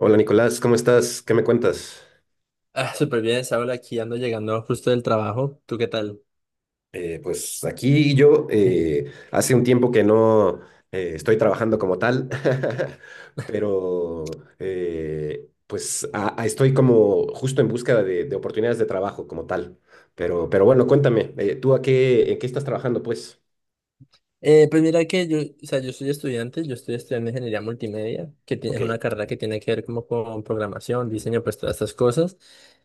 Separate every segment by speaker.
Speaker 1: Hola Nicolás, ¿cómo estás? ¿Qué me cuentas?
Speaker 2: Ah, súper bien, Saúl, aquí ando llegando justo del trabajo. ¿Tú qué tal?
Speaker 1: Pues aquí yo, hace un tiempo que no estoy trabajando como tal, pero pues estoy como justo en búsqueda de oportunidades de trabajo como tal. Pero bueno, cuéntame, ¿tú a qué, en qué estás trabajando pues?
Speaker 2: Pues mira que yo, o sea, yo soy estudiante, yo estoy estudiando ingeniería multimedia, que tiene,
Speaker 1: Ok,
Speaker 2: es una carrera que tiene que ver como con programación, diseño, pues todas estas cosas.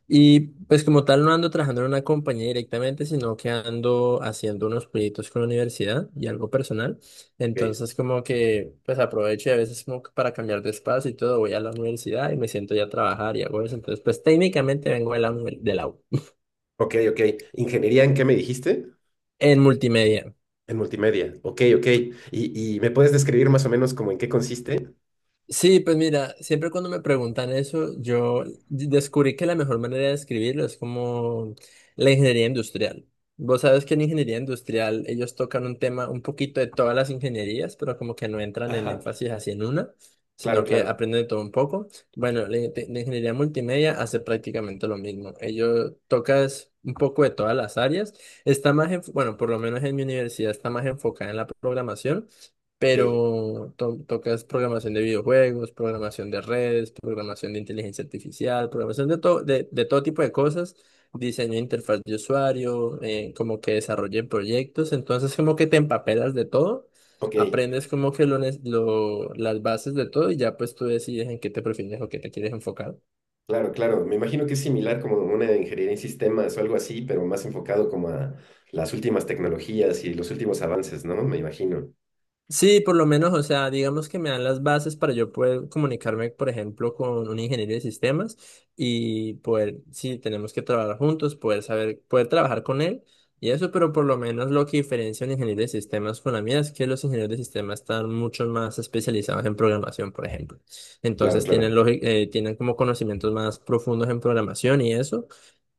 Speaker 2: Y pues como tal no ando trabajando en una compañía directamente, sino que ando haciendo unos proyectos con la universidad y algo personal.
Speaker 1: ok,
Speaker 2: Entonces como que pues aprovecho y a veces como que para cambiar de espacio y todo, voy a la universidad y me siento ya a trabajar y hago eso. Entonces pues técnicamente vengo de la, de la U
Speaker 1: ok, ok. ¿Ingeniería en qué me dijiste?
Speaker 2: en multimedia.
Speaker 1: En multimedia. Ok, ok. ¿Y me puedes describir más o menos como en qué consiste?
Speaker 2: Sí, pues mira, siempre cuando me preguntan eso, yo descubrí que la mejor manera de escribirlo es como la ingeniería industrial. Vos sabes que en ingeniería industrial ellos tocan un tema, un poquito de todas las ingenierías, pero como que no entran en
Speaker 1: Ajá,
Speaker 2: énfasis así en una,
Speaker 1: claro,
Speaker 2: sino que
Speaker 1: claro.
Speaker 2: aprenden de todo un poco. Bueno, la, la ingeniería multimedia hace prácticamente lo mismo. Ellos tocas un poco de todas las áreas. Está más, bueno, por lo menos en mi universidad está más enfocada en la programación,
Speaker 1: Ok,
Speaker 2: pero tocas programación de videojuegos, programación de redes, programación de inteligencia artificial, programación de todo tipo de cosas, diseño de interfaz de usuario, como que desarrollen proyectos, entonces como que te empapelas de todo,
Speaker 1: ok.
Speaker 2: aprendes como que lo, las bases de todo y ya pues tú decides en qué te prefieres o qué te quieres enfocar.
Speaker 1: Claro, claro. Me imagino que es similar como una ingeniería en sistemas o algo así, pero más enfocado como a las últimas tecnologías y los últimos avances, ¿no? Me imagino.
Speaker 2: Sí, por lo menos, o sea, digamos que me dan las bases para yo poder comunicarme, por ejemplo, con un ingeniero de sistemas y poder, si tenemos que trabajar juntos, poder saber, poder trabajar con él y eso, pero por lo menos lo que diferencia un ingeniero de sistemas con la mía es que los ingenieros de sistemas están mucho más especializados en programación, por ejemplo.
Speaker 1: Claro,
Speaker 2: Entonces tienen,
Speaker 1: claro.
Speaker 2: tienen como conocimientos más profundos en programación y eso,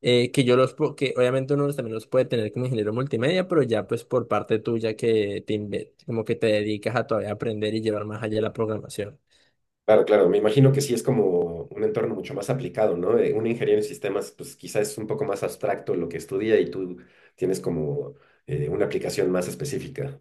Speaker 2: que yo los, que obviamente uno también los puede tener como ingeniero multimedia, pero ya pues por parte tuya que te, como que te dedicas a todavía aprender y llevar más allá la programación.
Speaker 1: Claro, claro. Me imagino que sí es como un entorno mucho más aplicado, ¿no? Una ingeniería en sistemas, pues quizás es un poco más abstracto lo que estudia y tú tienes como una aplicación más específica.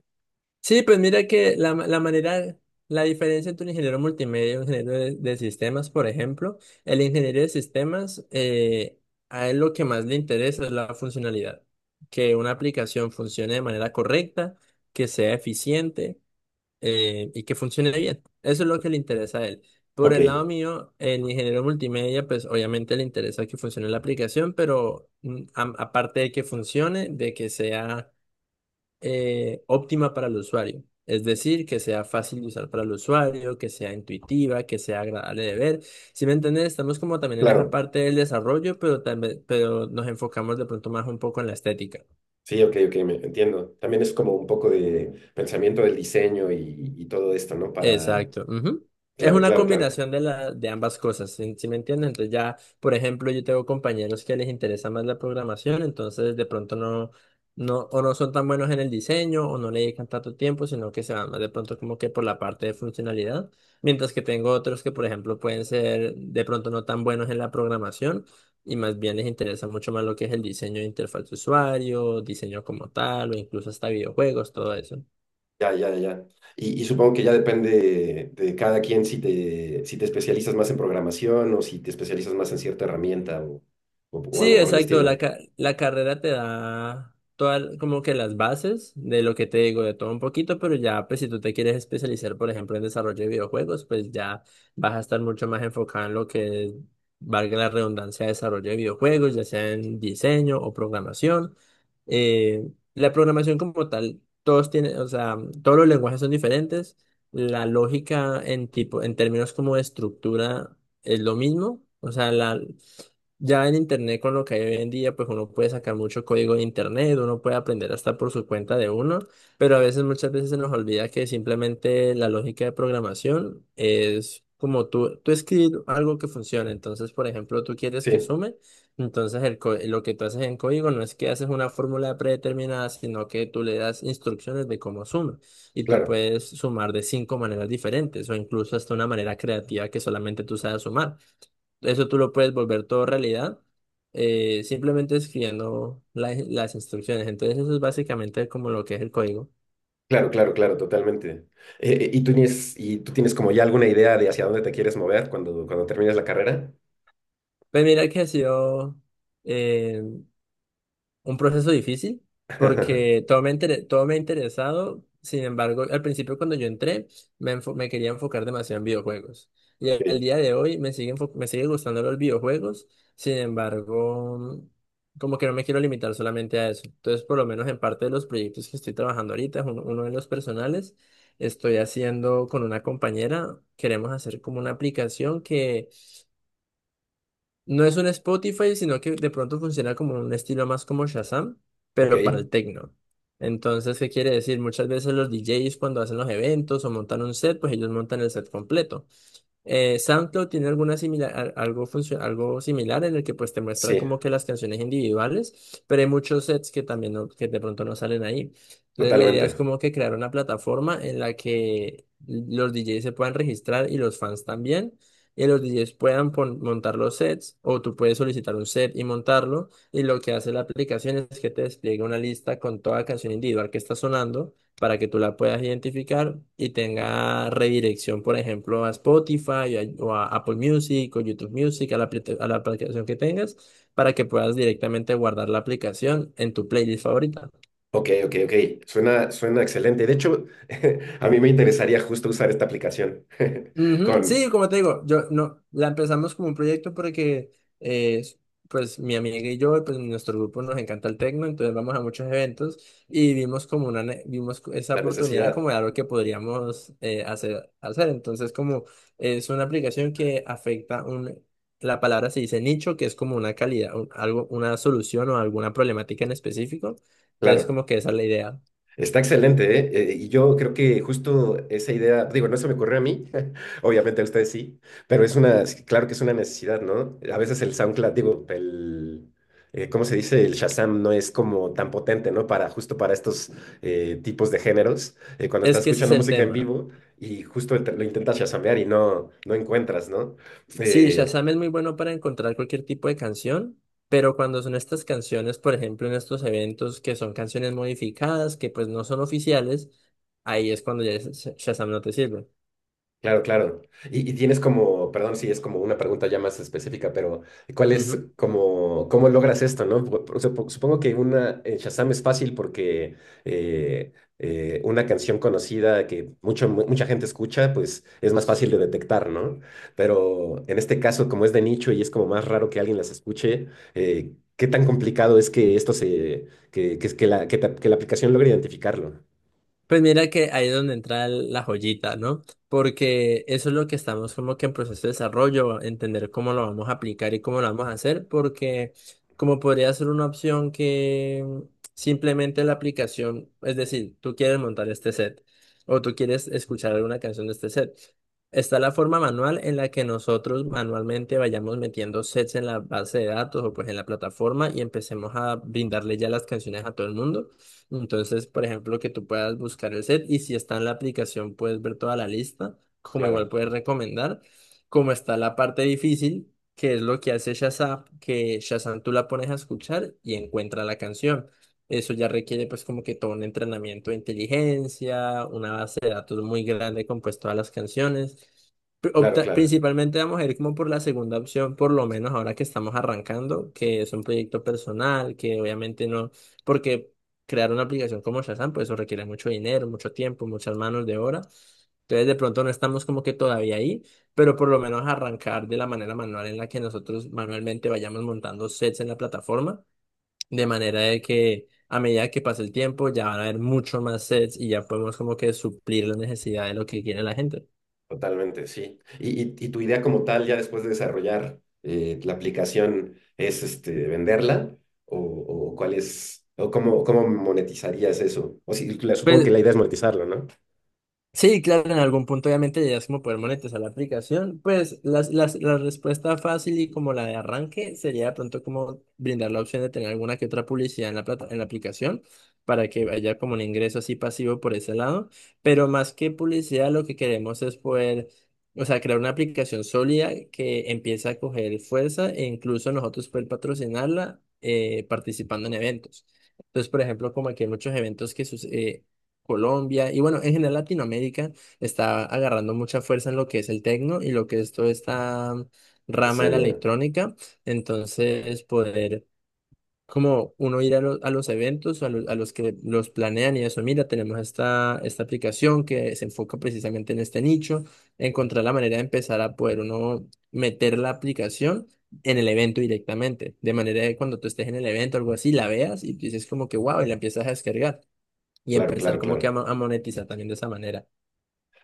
Speaker 2: Sí, pues mira que la, la manera, la diferencia entre un ingeniero multimedia y un ingeniero de sistemas, por ejemplo, el ingeniero de sistemas, a él lo que más le interesa es la funcionalidad, que una aplicación funcione de manera correcta, que sea eficiente, y que funcione bien. Eso es lo que le interesa a él. Por
Speaker 1: Ok,
Speaker 2: el lado mío, en ingeniero multimedia, pues obviamente le interesa que funcione la aplicación, pero aparte de que funcione, de que sea óptima para el usuario. Es decir, que sea fácil de usar para el usuario, que sea intuitiva, que sea agradable de ver. ¿Si me entiendes? Estamos como también en esa
Speaker 1: claro.
Speaker 2: parte del desarrollo, pero también, pero nos enfocamos de pronto más un poco en la estética.
Speaker 1: Sí, ok, ok, me entiendo. También es como un poco de pensamiento del diseño y todo esto, ¿no? Para...
Speaker 2: Exacto, ujú. Es
Speaker 1: Claro,
Speaker 2: una
Speaker 1: claro, claro.
Speaker 2: combinación de, la, de ambas cosas, ¿si me entiendes? Entonces ya, por ejemplo, yo tengo compañeros que les interesa más la programación, entonces de pronto no, o no son tan buenos en el diseño, o no le dedican tanto tiempo, sino que se van más de pronto como que por la parte de funcionalidad, mientras que tengo otros que, por ejemplo, pueden ser de pronto no tan buenos en la programación, y más bien les interesa mucho más lo que es el diseño de interfaz de usuario, diseño como tal, o incluso hasta videojuegos, todo eso.
Speaker 1: Ya, ya, ya. Y supongo que ya depende de cada quien si te, si te especializas más en programación o si te especializas más en cierta herramienta o, o
Speaker 2: Sí,
Speaker 1: algo por el
Speaker 2: exacto. La,
Speaker 1: estilo.
Speaker 2: la carrera te da todas como que las bases de lo que te digo, de todo un poquito, pero ya pues si tú te quieres especializar, por ejemplo, en desarrollo de videojuegos, pues ya vas a estar mucho más enfocado en lo que es, valga la redundancia, desarrollo de videojuegos, ya sea en diseño o programación. Eh, la programación como tal, todos tienen, o sea, todos los lenguajes son diferentes. La lógica en tipo, en términos como de estructura es lo mismo. O sea, la, ya en internet, con lo que hay hoy en día, pues uno puede sacar mucho código de internet, uno puede aprender hasta por su cuenta de uno, pero a veces, muchas veces se nos olvida que simplemente la lógica de programación es como tú escribir algo que funcione. Entonces, por ejemplo, tú quieres que
Speaker 1: Sí,
Speaker 2: sume, entonces el, lo que tú haces en código no es que haces una fórmula predeterminada, sino que tú le das instrucciones de cómo suma. Y tú
Speaker 1: claro,
Speaker 2: puedes sumar de cinco maneras diferentes o incluso hasta una manera creativa que solamente tú sabes sumar. Eso tú lo puedes volver todo realidad, simplemente escribiendo las instrucciones. Entonces eso es básicamente como lo que es el código.
Speaker 1: claro, claro, claro, totalmente. Y tú tienes como ya alguna idea de hacia dónde te quieres mover cuando termines la carrera?
Speaker 2: Pues mira que ha sido eh, un proceso difícil porque todo me, todo me ha interesado. Sin embargo, al principio cuando yo entré, me, me quería enfocar demasiado en videojuegos. Y
Speaker 1: Ok,
Speaker 2: al día de hoy me sigue, me sigue gustando los videojuegos. Sin embargo, como que no me quiero limitar solamente a eso. Entonces, por lo menos en parte de los proyectos que estoy trabajando ahorita, es uno, uno de los personales, estoy haciendo con una compañera, queremos hacer como una aplicación, no es un Spotify, sino que de pronto funciona como un estilo más como Shazam,
Speaker 1: ok,
Speaker 2: pero para el techno. Entonces, ¿qué quiere decir? Muchas veces los DJs cuando hacen los eventos o montan un set, pues ellos montan el set completo. SoundCloud tiene alguna similar, algo similar en el que pues te muestra
Speaker 1: sí,
Speaker 2: como que las canciones individuales, pero hay muchos sets que también que de pronto no salen ahí. Entonces la idea es
Speaker 1: totalmente.
Speaker 2: como que crear una plataforma en la que los DJs se puedan registrar y los fans también, y los DJs puedan montar los sets o tú puedes solicitar un set y montarlo, y lo que hace la aplicación es que te despliega una lista con toda canción individual que está sonando para que tú la puedas identificar y tenga redirección, por ejemplo, a Spotify o a Apple Music o YouTube Music, a la, a la aplicación que tengas, para que puedas directamente guardar la aplicación en tu playlist favorita.
Speaker 1: Ok, ok, ok. Suena, suena excelente. De hecho, a mí me interesaría justo usar esta aplicación
Speaker 2: Ujú,
Speaker 1: con
Speaker 2: sí, como te digo, yo no la empezamos como un proyecto porque, eh, pues mi amiga y yo, pues nuestro grupo nos encanta el tecno, entonces vamos a muchos eventos y vimos como una esa
Speaker 1: la
Speaker 2: oportunidad
Speaker 1: necesidad.
Speaker 2: como de algo que podríamos hacer. Entonces, como es una aplicación que afecta un, la palabra se dice nicho, que es como una calidad, una solución o alguna problemática en específico. Entonces,
Speaker 1: Claro.
Speaker 2: como que esa es la idea.
Speaker 1: Está excelente, ¿eh? Y yo creo que justo esa idea, digo, no se me ocurrió a mí, obviamente a ustedes sí, pero es una, claro que es una necesidad, ¿no? A veces el SoundCloud, digo, el, ¿cómo se dice? El Shazam no es como tan potente, ¿no? Para justo para estos tipos de géneros, cuando
Speaker 2: Es
Speaker 1: estás
Speaker 2: que ese es
Speaker 1: escuchando
Speaker 2: el
Speaker 1: música en
Speaker 2: tema.
Speaker 1: vivo y justo lo intentas shazamear no encuentras, ¿no?
Speaker 2: Sí,
Speaker 1: Eh,
Speaker 2: Shazam es muy bueno para encontrar cualquier tipo de canción, pero cuando son estas canciones, por ejemplo, en estos eventos que son canciones modificadas, que pues no son oficiales, ahí es cuando ya Shazam no te sirve.
Speaker 1: claro, claro. Y tienes como, perdón si es como una pregunta ya más específica, pero ¿cuál es como, cómo logras esto, no? Supongo que una en Shazam es fácil porque una canción conocida que mucha gente escucha, pues es más fácil de detectar, ¿no? Pero en este caso, como es de nicho y es como más raro que alguien las escuche, ¿qué tan complicado es que esto se, que la, que la aplicación logre identificarlo?
Speaker 2: Pues mira que ahí es donde entra la joyita, ¿no? Porque eso es lo que estamos como que en proceso de desarrollo, entender cómo lo vamos a aplicar y cómo lo vamos a hacer, porque como podría ser una opción que simplemente la aplicación, es decir, tú quieres montar este set o tú quieres escuchar alguna canción de este set. Está la forma manual en la que nosotros manualmente vayamos metiendo sets en la base de datos o pues en la plataforma y empecemos a brindarle ya las canciones a todo el mundo. Entonces, por ejemplo, que tú puedas buscar el set y si está en la aplicación puedes ver toda la lista, como igual
Speaker 1: Claro,
Speaker 2: puedes recomendar, como está la parte difícil, que es lo que hace Shazam, que Shazam tú la pones a escuchar y encuentra la canción. Eso ya requiere pues como que todo un entrenamiento de inteligencia, una base de datos muy grande con pues todas las canciones.
Speaker 1: claro, claro.
Speaker 2: Principalmente vamos a ir como por la segunda opción, por lo menos ahora que estamos arrancando, que es un proyecto personal, que obviamente no, porque crear una aplicación como Shazam, pues eso requiere mucho dinero, mucho tiempo, muchas manos de obra. Entonces, de pronto no estamos como que todavía ahí, pero por lo menos arrancar de la manera manual en la que nosotros manualmente vayamos montando sets en la plataforma, de manera de que a medida que pase el tiempo ya van a haber mucho más sets y ya podemos como que suplir la necesidad de lo que quiere la gente.
Speaker 1: Totalmente, sí. Y tu idea como tal, ya después de desarrollar la aplicación, ¿es este, venderla? ¿O, o cuál es, cómo monetizarías eso? O si, supongo que
Speaker 2: Pues
Speaker 1: la idea es monetizarlo, ¿no?
Speaker 2: sí, claro, en algún punto obviamente llegas como poder monetizar la aplicación. Pues la respuesta fácil y como la de arranque sería de pronto como brindar la opción de tener alguna que otra publicidad en la plata, en la aplicación para que haya como un ingreso así pasivo por ese lado. Pero más que publicidad, lo que queremos es poder, o sea, crear una aplicación sólida que empiece a coger fuerza e incluso nosotros poder patrocinarla participando en eventos. Entonces, por ejemplo, como aquí hay muchos eventos que suceden Colombia, y bueno, en general Latinoamérica está agarrando mucha fuerza en lo que es el tecno y lo que es toda esta rama de la
Speaker 1: Escena.
Speaker 2: electrónica. Entonces, poder como uno ir a, a los eventos, a, a los que los planean y eso, mira, tenemos esta, esta aplicación que se enfoca precisamente en este nicho, encontrar la manera de empezar a poder uno meter la aplicación en el evento directamente, de manera que cuando tú estés en el evento o algo así, la veas y dices como que wow, y la empiezas a descargar y
Speaker 1: Claro,
Speaker 2: empezar
Speaker 1: claro,
Speaker 2: como que a,
Speaker 1: claro.
Speaker 2: a monetizar también de esa manera.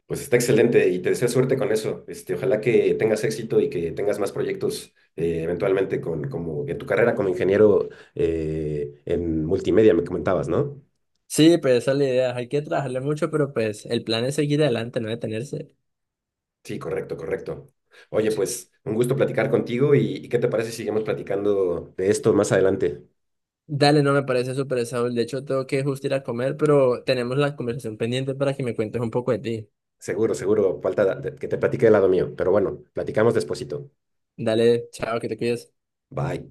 Speaker 1: Pues está excelente y te deseo suerte con eso. Este, ojalá que tengas éxito y que tengas más proyectos eventualmente con, como en tu carrera como ingeniero en multimedia, me comentabas, ¿no?
Speaker 2: Sí, pues esa es la idea. Hay que trabajarle mucho, pero pues el plan es seguir adelante, no detenerse.
Speaker 1: Sí, correcto, correcto. Oye, pues un gusto platicar contigo y ¿qué te parece si seguimos platicando de esto más adelante?
Speaker 2: Dale, no me parece súper Saúl. De hecho, tengo que justo ir a comer, pero tenemos la conversación pendiente para que me cuentes un poco de ti.
Speaker 1: Seguro, seguro, que te platique del lado mío, pero bueno, platicamos despuesito.
Speaker 2: Dale, chao, que te cuides.
Speaker 1: Bye.